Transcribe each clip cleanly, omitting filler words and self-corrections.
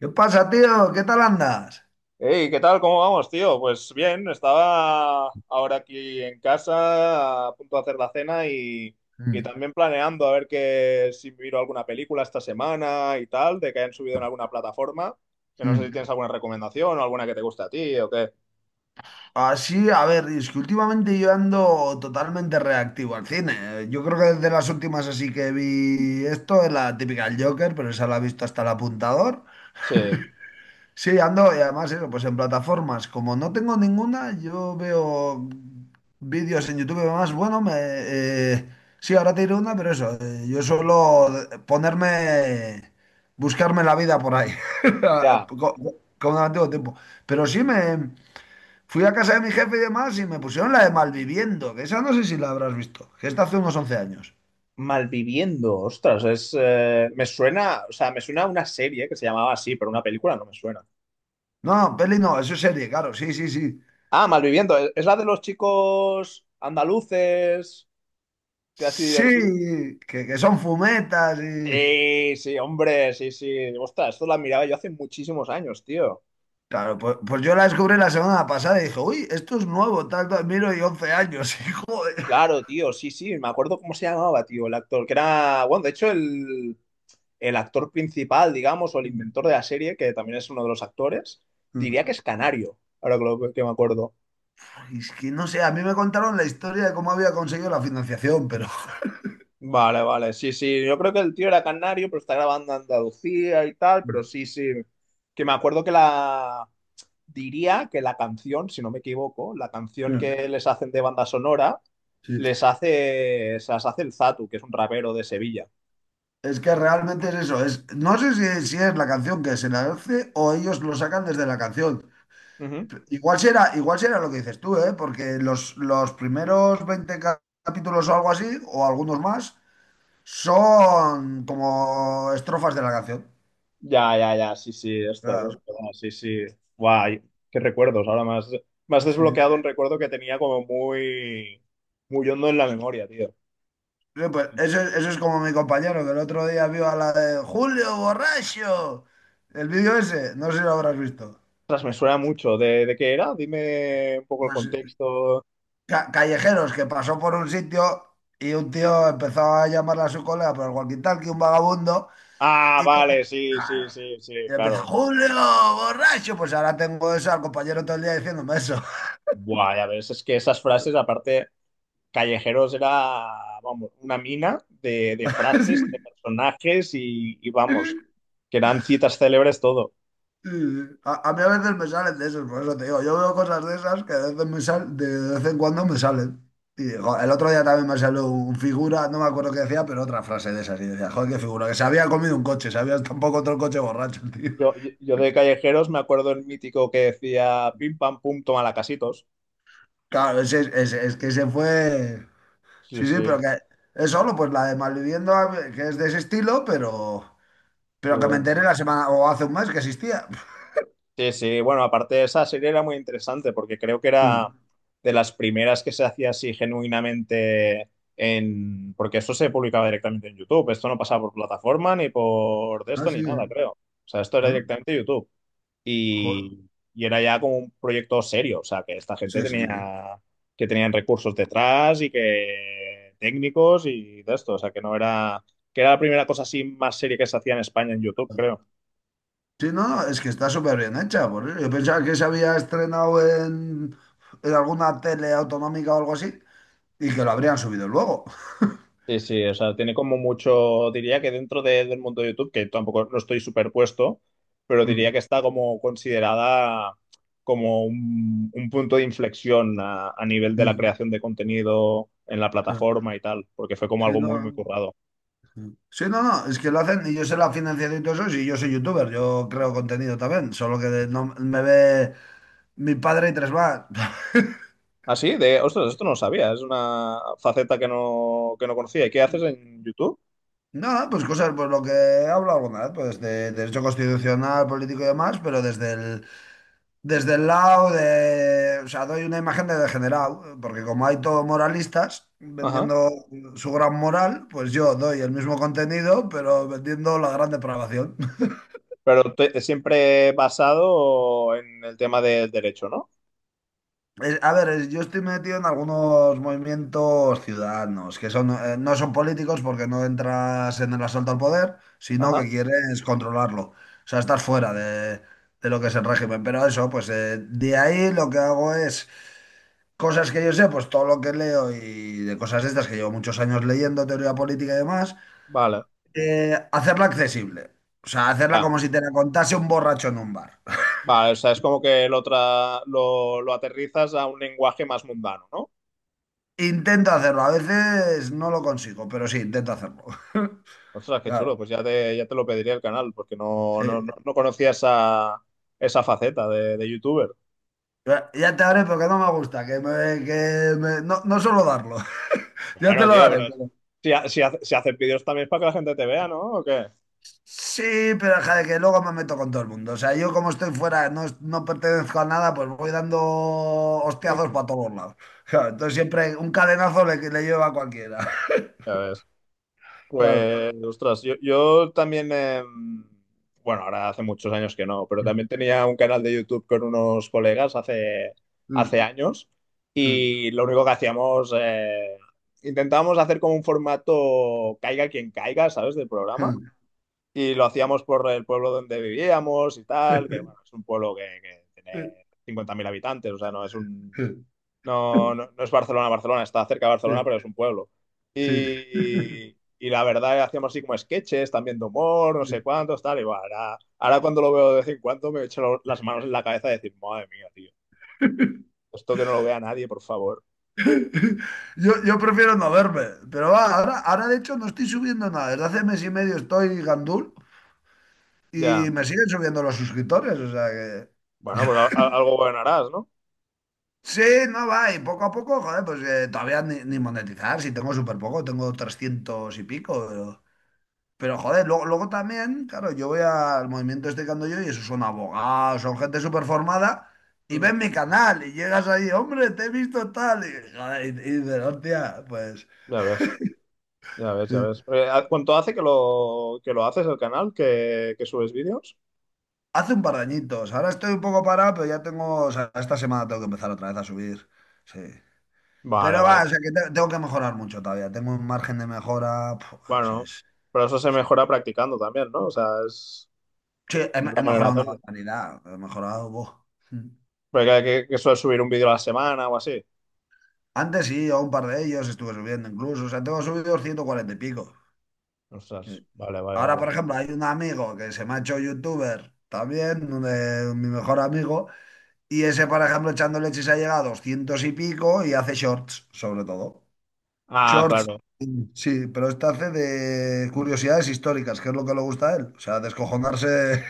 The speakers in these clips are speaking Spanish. ¿Qué pasa, tío? ¿Qué tal andas? Hey, ¿qué tal? ¿Cómo vamos, tío? Pues bien, estaba ahora aquí en casa a punto de hacer la cena y Mm. también planeando a ver que, si miro alguna película esta semana y tal, de que hayan subido en alguna plataforma. Que no sé si Mm. tienes alguna recomendación o alguna que te guste a ti o qué. Así, a ver, es que últimamente yo ando totalmente reactivo al cine. Yo creo que desde las últimas así que vi esto, es la típica del Joker, pero esa la he visto hasta el apuntador. Sí, Sí, ando, y además eso, pues en plataformas, como no tengo ninguna, yo veo vídeos en YouTube y demás, bueno, sí, ahora te diré una, pero eso, yo suelo ponerme, buscarme la vida por ahí, ya. co- como en antiguo tiempo. Pero sí, me fui a casa de mi jefe y demás y me pusieron la de Malviviendo, que esa no sé si la habrás visto, que está hace unos 11 años. Malviviendo, ostras, es, me suena, o sea, me suena a una serie que se llamaba así, pero una película no me suena. No, peli no, eso es serie, claro, sí, sí, sí. Ah, Malviviendo, es la de los chicos andaluces, que así divertidos. Sí, que son fumetas y... Sí, sí, hombre, sí, sí. Ostras, esto la miraba yo hace muchísimos años, tío. Claro, pues, yo la descubrí la semana pasada y dije, uy, esto es nuevo, tal, tal, miro y 11 años, y joder. Claro, tío, sí, sí. Me acuerdo cómo se llamaba, tío, el actor, que era, bueno, de hecho, el actor principal, digamos, o el inventor de la serie, que también es uno de los actores, diría que es canario, ahora que, que me acuerdo. Y es que no sé, a mí me contaron la historia de cómo había conseguido la financiación, pero Vale, vale, sí, sí. Yo creo que el tío era canario, pero está grabando en Andalucía y tal, pero Mm. sí, sí. Que me acuerdo que la, diría que la canción, si no me equivoco, la canción Mm. que les hacen de banda sonora, Sí. les hace, se las hace el Zatu, que es un rapero de Sevilla. Es que realmente es eso. Es, no sé si es la canción que se la hace o ellos lo sacan desde la canción. Ujú. Igual será lo que dices tú, ¿eh? Porque los primeros 20 capítulos o algo así, o algunos más, son como estrofas de la canción. Ya, ya, ya, sí, sí, ostras, es Claro, verdad, sí, sí. Guay, qué recuerdos. Ahora más, más sí. desbloqueado un recuerdo que tenía como muy, muy hondo en la memoria, tío. Sí, pues eso, eso es como mi compañero que el otro día vio a la de Julio Borracho. El vídeo ese, no sé si lo habrás visto. Ostras, me suena mucho. De qué era? Dime un poco el Pues, contexto. Callejeros que pasó por un sitio y un tío empezó a llamarle a su colega por el walkie-talkie, un vagabundo, Ah, y vale, sí, sí, claro, sí, sí, y empezó, claro. Julio Borracho. Pues ahora tengo eso al compañero todo el día diciéndome eso. Buah, ya ves, es que esas frases, aparte. Callejeros era, vamos, una mina de frases, de personajes y, vamos, que eran citas célebres todo. Sí, sí. A mí a veces me salen de esos, por eso te digo, yo veo cosas de esas que de vez en cuando me salen. Y jo, el otro día también me salió un figura, no me acuerdo qué decía, pero otra frase de esas. Y decía, joder, qué figura, que se había comido un coche, se había tampoco otro coche borracho, el tío. Yo de Callejeros me acuerdo el mítico que decía pim pam pum, toma la casitos. Claro, es que se fue. Sí, Sí, sí, pero sí, que es solo pues la de Malviviendo, que es de ese estilo, pero, qué pero que me bueno, enteré tío. la semana o hace un mes que existía. Sí, sí, bueno, aparte de esa serie era muy interesante porque creo que era Mm. de las primeras que se hacía así genuinamente en... Porque esto se publicaba directamente en YouTube, esto no pasaba por plataforma ni por de Ah, esto sí, ni ¿eh? nada, creo. O sea, esto era Ah, directamente YouTube. joder. Y, y era ya como un proyecto serio, o sea, que esta gente Sí, sí, sí. tenía, que tenían recursos detrás y que técnicos y de esto, o sea, que no era, que era la primera cosa así más seria que se hacía en España en YouTube, creo. Sí, no, no, es que está súper bien hecha, por eso. Yo pensaba que se había estrenado en alguna tele autonómica o algo así y que lo habrían subido luego. Sí, sí, o sea, tiene como mucho, diría que del mundo de YouTube, que tampoco no estoy superpuesto, pero diría Mm, que está como considerada como un punto de inflexión a nivel de la mm, creación de contenido en la mm. plataforma y tal, porque fue como Sí, algo no. muy, muy currado. Mm. Sí, no, no, es que lo hacen y yo sé la financiación y todo eso, y yo soy youtuber, yo creo contenido también, solo que no me ve mi padre y tres más. Ah, sí, de, ostras, esto no lo sabía, es una faceta que no conocía. ¿Y qué haces en YouTube? Nada, pues cosas, pues lo que hablo alguna vez, pues de derecho constitucional, político y demás, pero desde el lado de, o sea, doy una imagen de degenerado, porque como hay todo moralistas Ajá. vendiendo su gran moral, pues yo doy el mismo contenido, pero vendiendo la gran depravación. Pero siempre basado en el tema del derecho, ¿no? A ver, yo estoy metido en algunos movimientos ciudadanos, que son, no son políticos porque no entras en el asalto al poder, sino Ajá. que quieres controlarlo. O sea, estás fuera de lo que es el régimen. Pero eso, pues de ahí lo que hago es. Cosas que yo sé, pues todo lo que leo y de cosas estas que llevo muchos años leyendo, teoría política y demás, Vale, hacerla accesible. O sea, hacerla ya. como si te la contase un borracho en un bar. Vale, o sea, es como que lo, lo aterrizas a un lenguaje más mundano, ¿no? Intento hacerlo, a veces no lo consigo, pero sí, intento hacerlo. Ostras, qué chulo, Claro, pues ya te lo pediría el canal, porque no, sí. no, no, no conocía esa, esa faceta de youtuber. Ya te haré porque no me gusta, no, no suelo darlo. Ya te Bueno, lo tío, daré. pero si, si, si haces vídeos también es para que la gente te vea, ¿no? ¿O qué? Sí, pero joder, que luego me meto con todo el mundo. O sea, yo como estoy fuera, no pertenezco a nada, pues voy dando hostiazos para todos lados. Claro, entonces siempre un cadenazo le lleva a cualquiera. Ya ves. Claro. Pues, ostras, yo también, bueno, ahora hace muchos años que no, pero también tenía un canal de YouTube con unos colegas hace, hace años y lo único que hacíamos, intentábamos hacer como un formato caiga quien caiga, ¿sabes? Del programa y lo hacíamos por el pueblo donde vivíamos y tal, que bueno, es un pueblo que tiene 50.000 habitantes, o sea, no es un no, no, no es Barcelona, Barcelona, está cerca de Barcelona, pero es un pueblo. Sí. Y la verdad, hacíamos así como sketches, también de humor, no sé cuántos, tal. Y bueno, ahora, ahora cuando lo veo de vez en cuando me echo las manos en la cabeza y decir, madre mía, tío, esto que no lo vea nadie, por favor. Yo prefiero no verme, pero va, ahora de hecho no estoy subiendo nada. Desde hace mes y medio estoy gandul Ya, y me siguen subiendo los suscriptores. O sea que. bueno, pues algo bueno harás, ¿no? Sí, no va, y poco a poco, joder, pues todavía ni monetizar, si tengo súper poco, tengo 300 y pico, pero, joder, luego también, claro, yo voy al movimiento este que ando yo y esos son abogados, son gente súper formada y Ujú. ven mi canal y llegas ahí, hombre, te he visto tal, y, joder, y dices, hostia, pues Ya ves, ya ves, ya sí. ves. ¿Cuánto hace que lo haces el canal, que subes vídeos? Hace un par de añitos, ahora estoy un poco parado, pero ya tengo, o sea, esta semana tengo que empezar otra vez a subir, sí. Pero Vale, va, vale. o sea, que tengo que mejorar mucho todavía, tengo un margen de mejora, puf, Bueno, pero eso se es- mejora practicando también, ¿no? O sea, Sí, es la he manera de mejorado una hacerlo. barbaridad, he mejorado. Buah. Mm. Porque que suele subir un vídeo a la semana o así. Antes sí, a un par de ellos estuve subiendo incluso, o sea, tengo subidos 140 y pico. Ostras, Sí. vale, vale, Ahora, vale. por ejemplo, hay un amigo que se me ha hecho youtuber también, mi mejor amigo, y ese, por ejemplo, echando leches ha llegado a 200 y pico y hace shorts, sobre todo. Ah, Shorts, claro. sí, pero este hace de curiosidades históricas, que es lo que le gusta a él, o sea, descojonarse.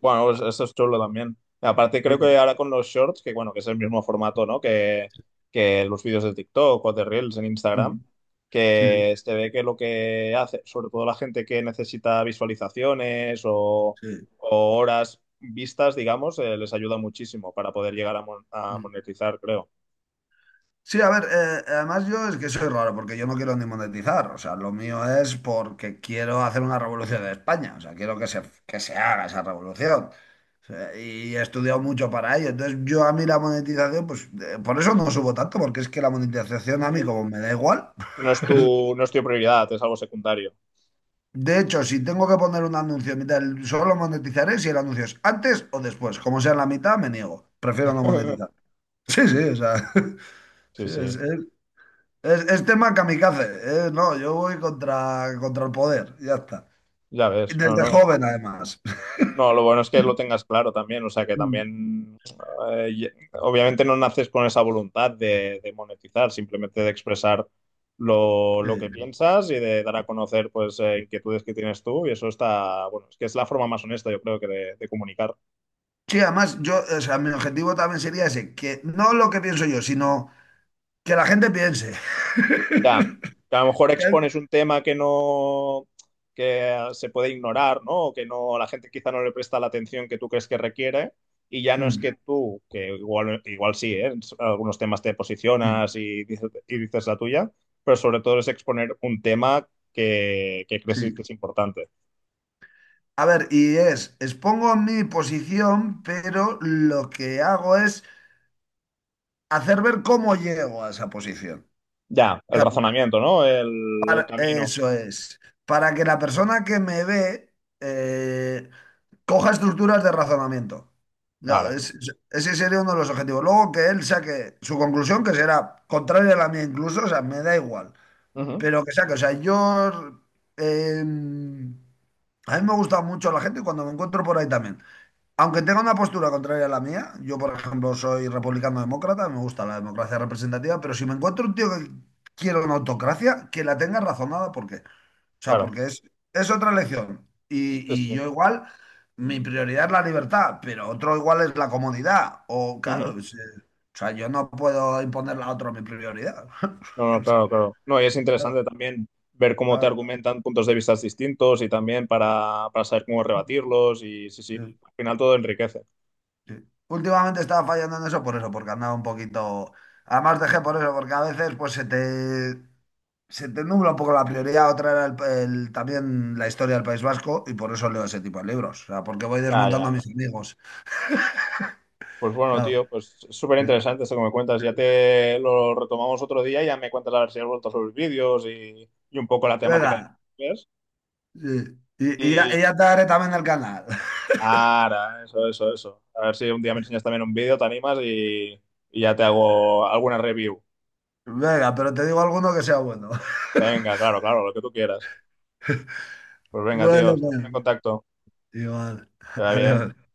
Bueno, pues eso es chulo también. Y aparte creo que ahora con los shorts, que bueno, que es el mismo formato, ¿no? Que los vídeos de TikTok o de Reels en Instagram, Sí, que se ve que lo que hace, sobre todo la gente que necesita visualizaciones sí, o horas vistas, digamos, les ayuda muchísimo para poder llegar a, a sí. monetizar, creo. Sí, a ver, además yo es que soy raro porque yo no quiero ni monetizar, o sea, lo mío es porque quiero hacer una revolución en España, o sea, quiero que se, Ujú. que se haga esa revolución. O sea, y he estudiado mucho para ello, entonces yo a mí la monetización, pues por eso no subo tanto, porque es que la monetización No, a que mí sí. como me da igual. No es tu, no es tu prioridad, es algo secundario. De hecho, si tengo que poner un anuncio en mitad, solo monetizaré si el anuncio es antes o después, como sea en la mitad, me niego, prefiero no monetizar. Sí, sí, o sea, Sí, sí, es, sí. es- Es, es tema kamikaze, ¿eh? No, yo voy contra el poder, ya está. Ya Y ves, no, desde no. joven, además. No, lo bueno es que lo tengas claro también, o sea que Mm. también, eh, y- obviamente no naces con esa voluntad de monetizar, simplemente de expresar lo que Sí. piensas y de dar a conocer pues inquietudes que tienes tú y eso está, bueno, es que es la forma más honesta yo creo que de comunicar. Sí, además, yo, o sea, mi objetivo también sería ese, que no lo que pienso yo, sino que la gente piense. Ya, que a lo mejor Que- expones un tema que no, que se puede ignorar, ¿no? O que no, la gente quizá no le presta la atención que tú crees que requiere. Y ya no es Mm, que tú, que igual, igual sí, ¿eh? En algunos temas te mm. posicionas y dices la tuya, pero sobre todo es exponer un tema que crees que Sí. es importante. A ver, y expongo mi posición, pero lo que hago es hacer ver cómo llego a esa posición. Ya, el Claro, razonamiento, ¿no? El camino. eso es. Para que la persona que me ve, eh, coja estructuras de razonamiento. Ya, Vale. Ese sería uno de los objetivos. Luego que él saque su conclusión, que será contraria a la mía incluso, o sea, me da igual, Ujú, pero que saque, o sea, eh, a mí me gusta mucho la gente cuando me encuentro por ahí también. Aunque tenga una postura contraria a la mía, yo por ejemplo soy republicano demócrata, me gusta la democracia representativa, pero si me encuentro un tío que quiere una autocracia, que la tenga razonada, porque o sea, claro. porque es otra elección. Y, Sí, y sí. yo igual, mi prioridad es la libertad, pero otro igual es la comodidad. O Ujú. claro, o sea, yo no puedo imponerle a otro mi prioridad. No, no, claro, claro. No, y es Claro, interesante también ver cómo te claro, argumentan puntos de vista distintos y también para saber cómo rebatirlos y sí, sí, sí, al final todo enriquece. sí. Últimamente estaba fallando en eso por eso, porque andaba un poquito. Además dejé por eso, porque a veces pues se te nubla un poco la prioridad. Otra era también la historia del País Vasco y por eso leo ese tipo de libros. O sea, porque voy Ya, desmontando ya, a ya. mis amigos. Pues bueno, Claro. tío, pues es súper Sí. interesante esto que me cuentas. Ya te lo retomamos otro día y ya me cuentas a ver si has vuelto sobre los vídeos y un poco la temática de los Venga, vídeos. sí. Y ya, Y y ya te daré también el canal. ahora, eso, eso, eso. A ver si un día me enseñas también un vídeo, te animas y ya te hago alguna review. Venga, pero te digo alguno que sea bueno. Venga, claro, claro, lo que tú quieras. Pues venga, tío, Bueno, estamos pues, en contacto. igual. Está bien. Adiós.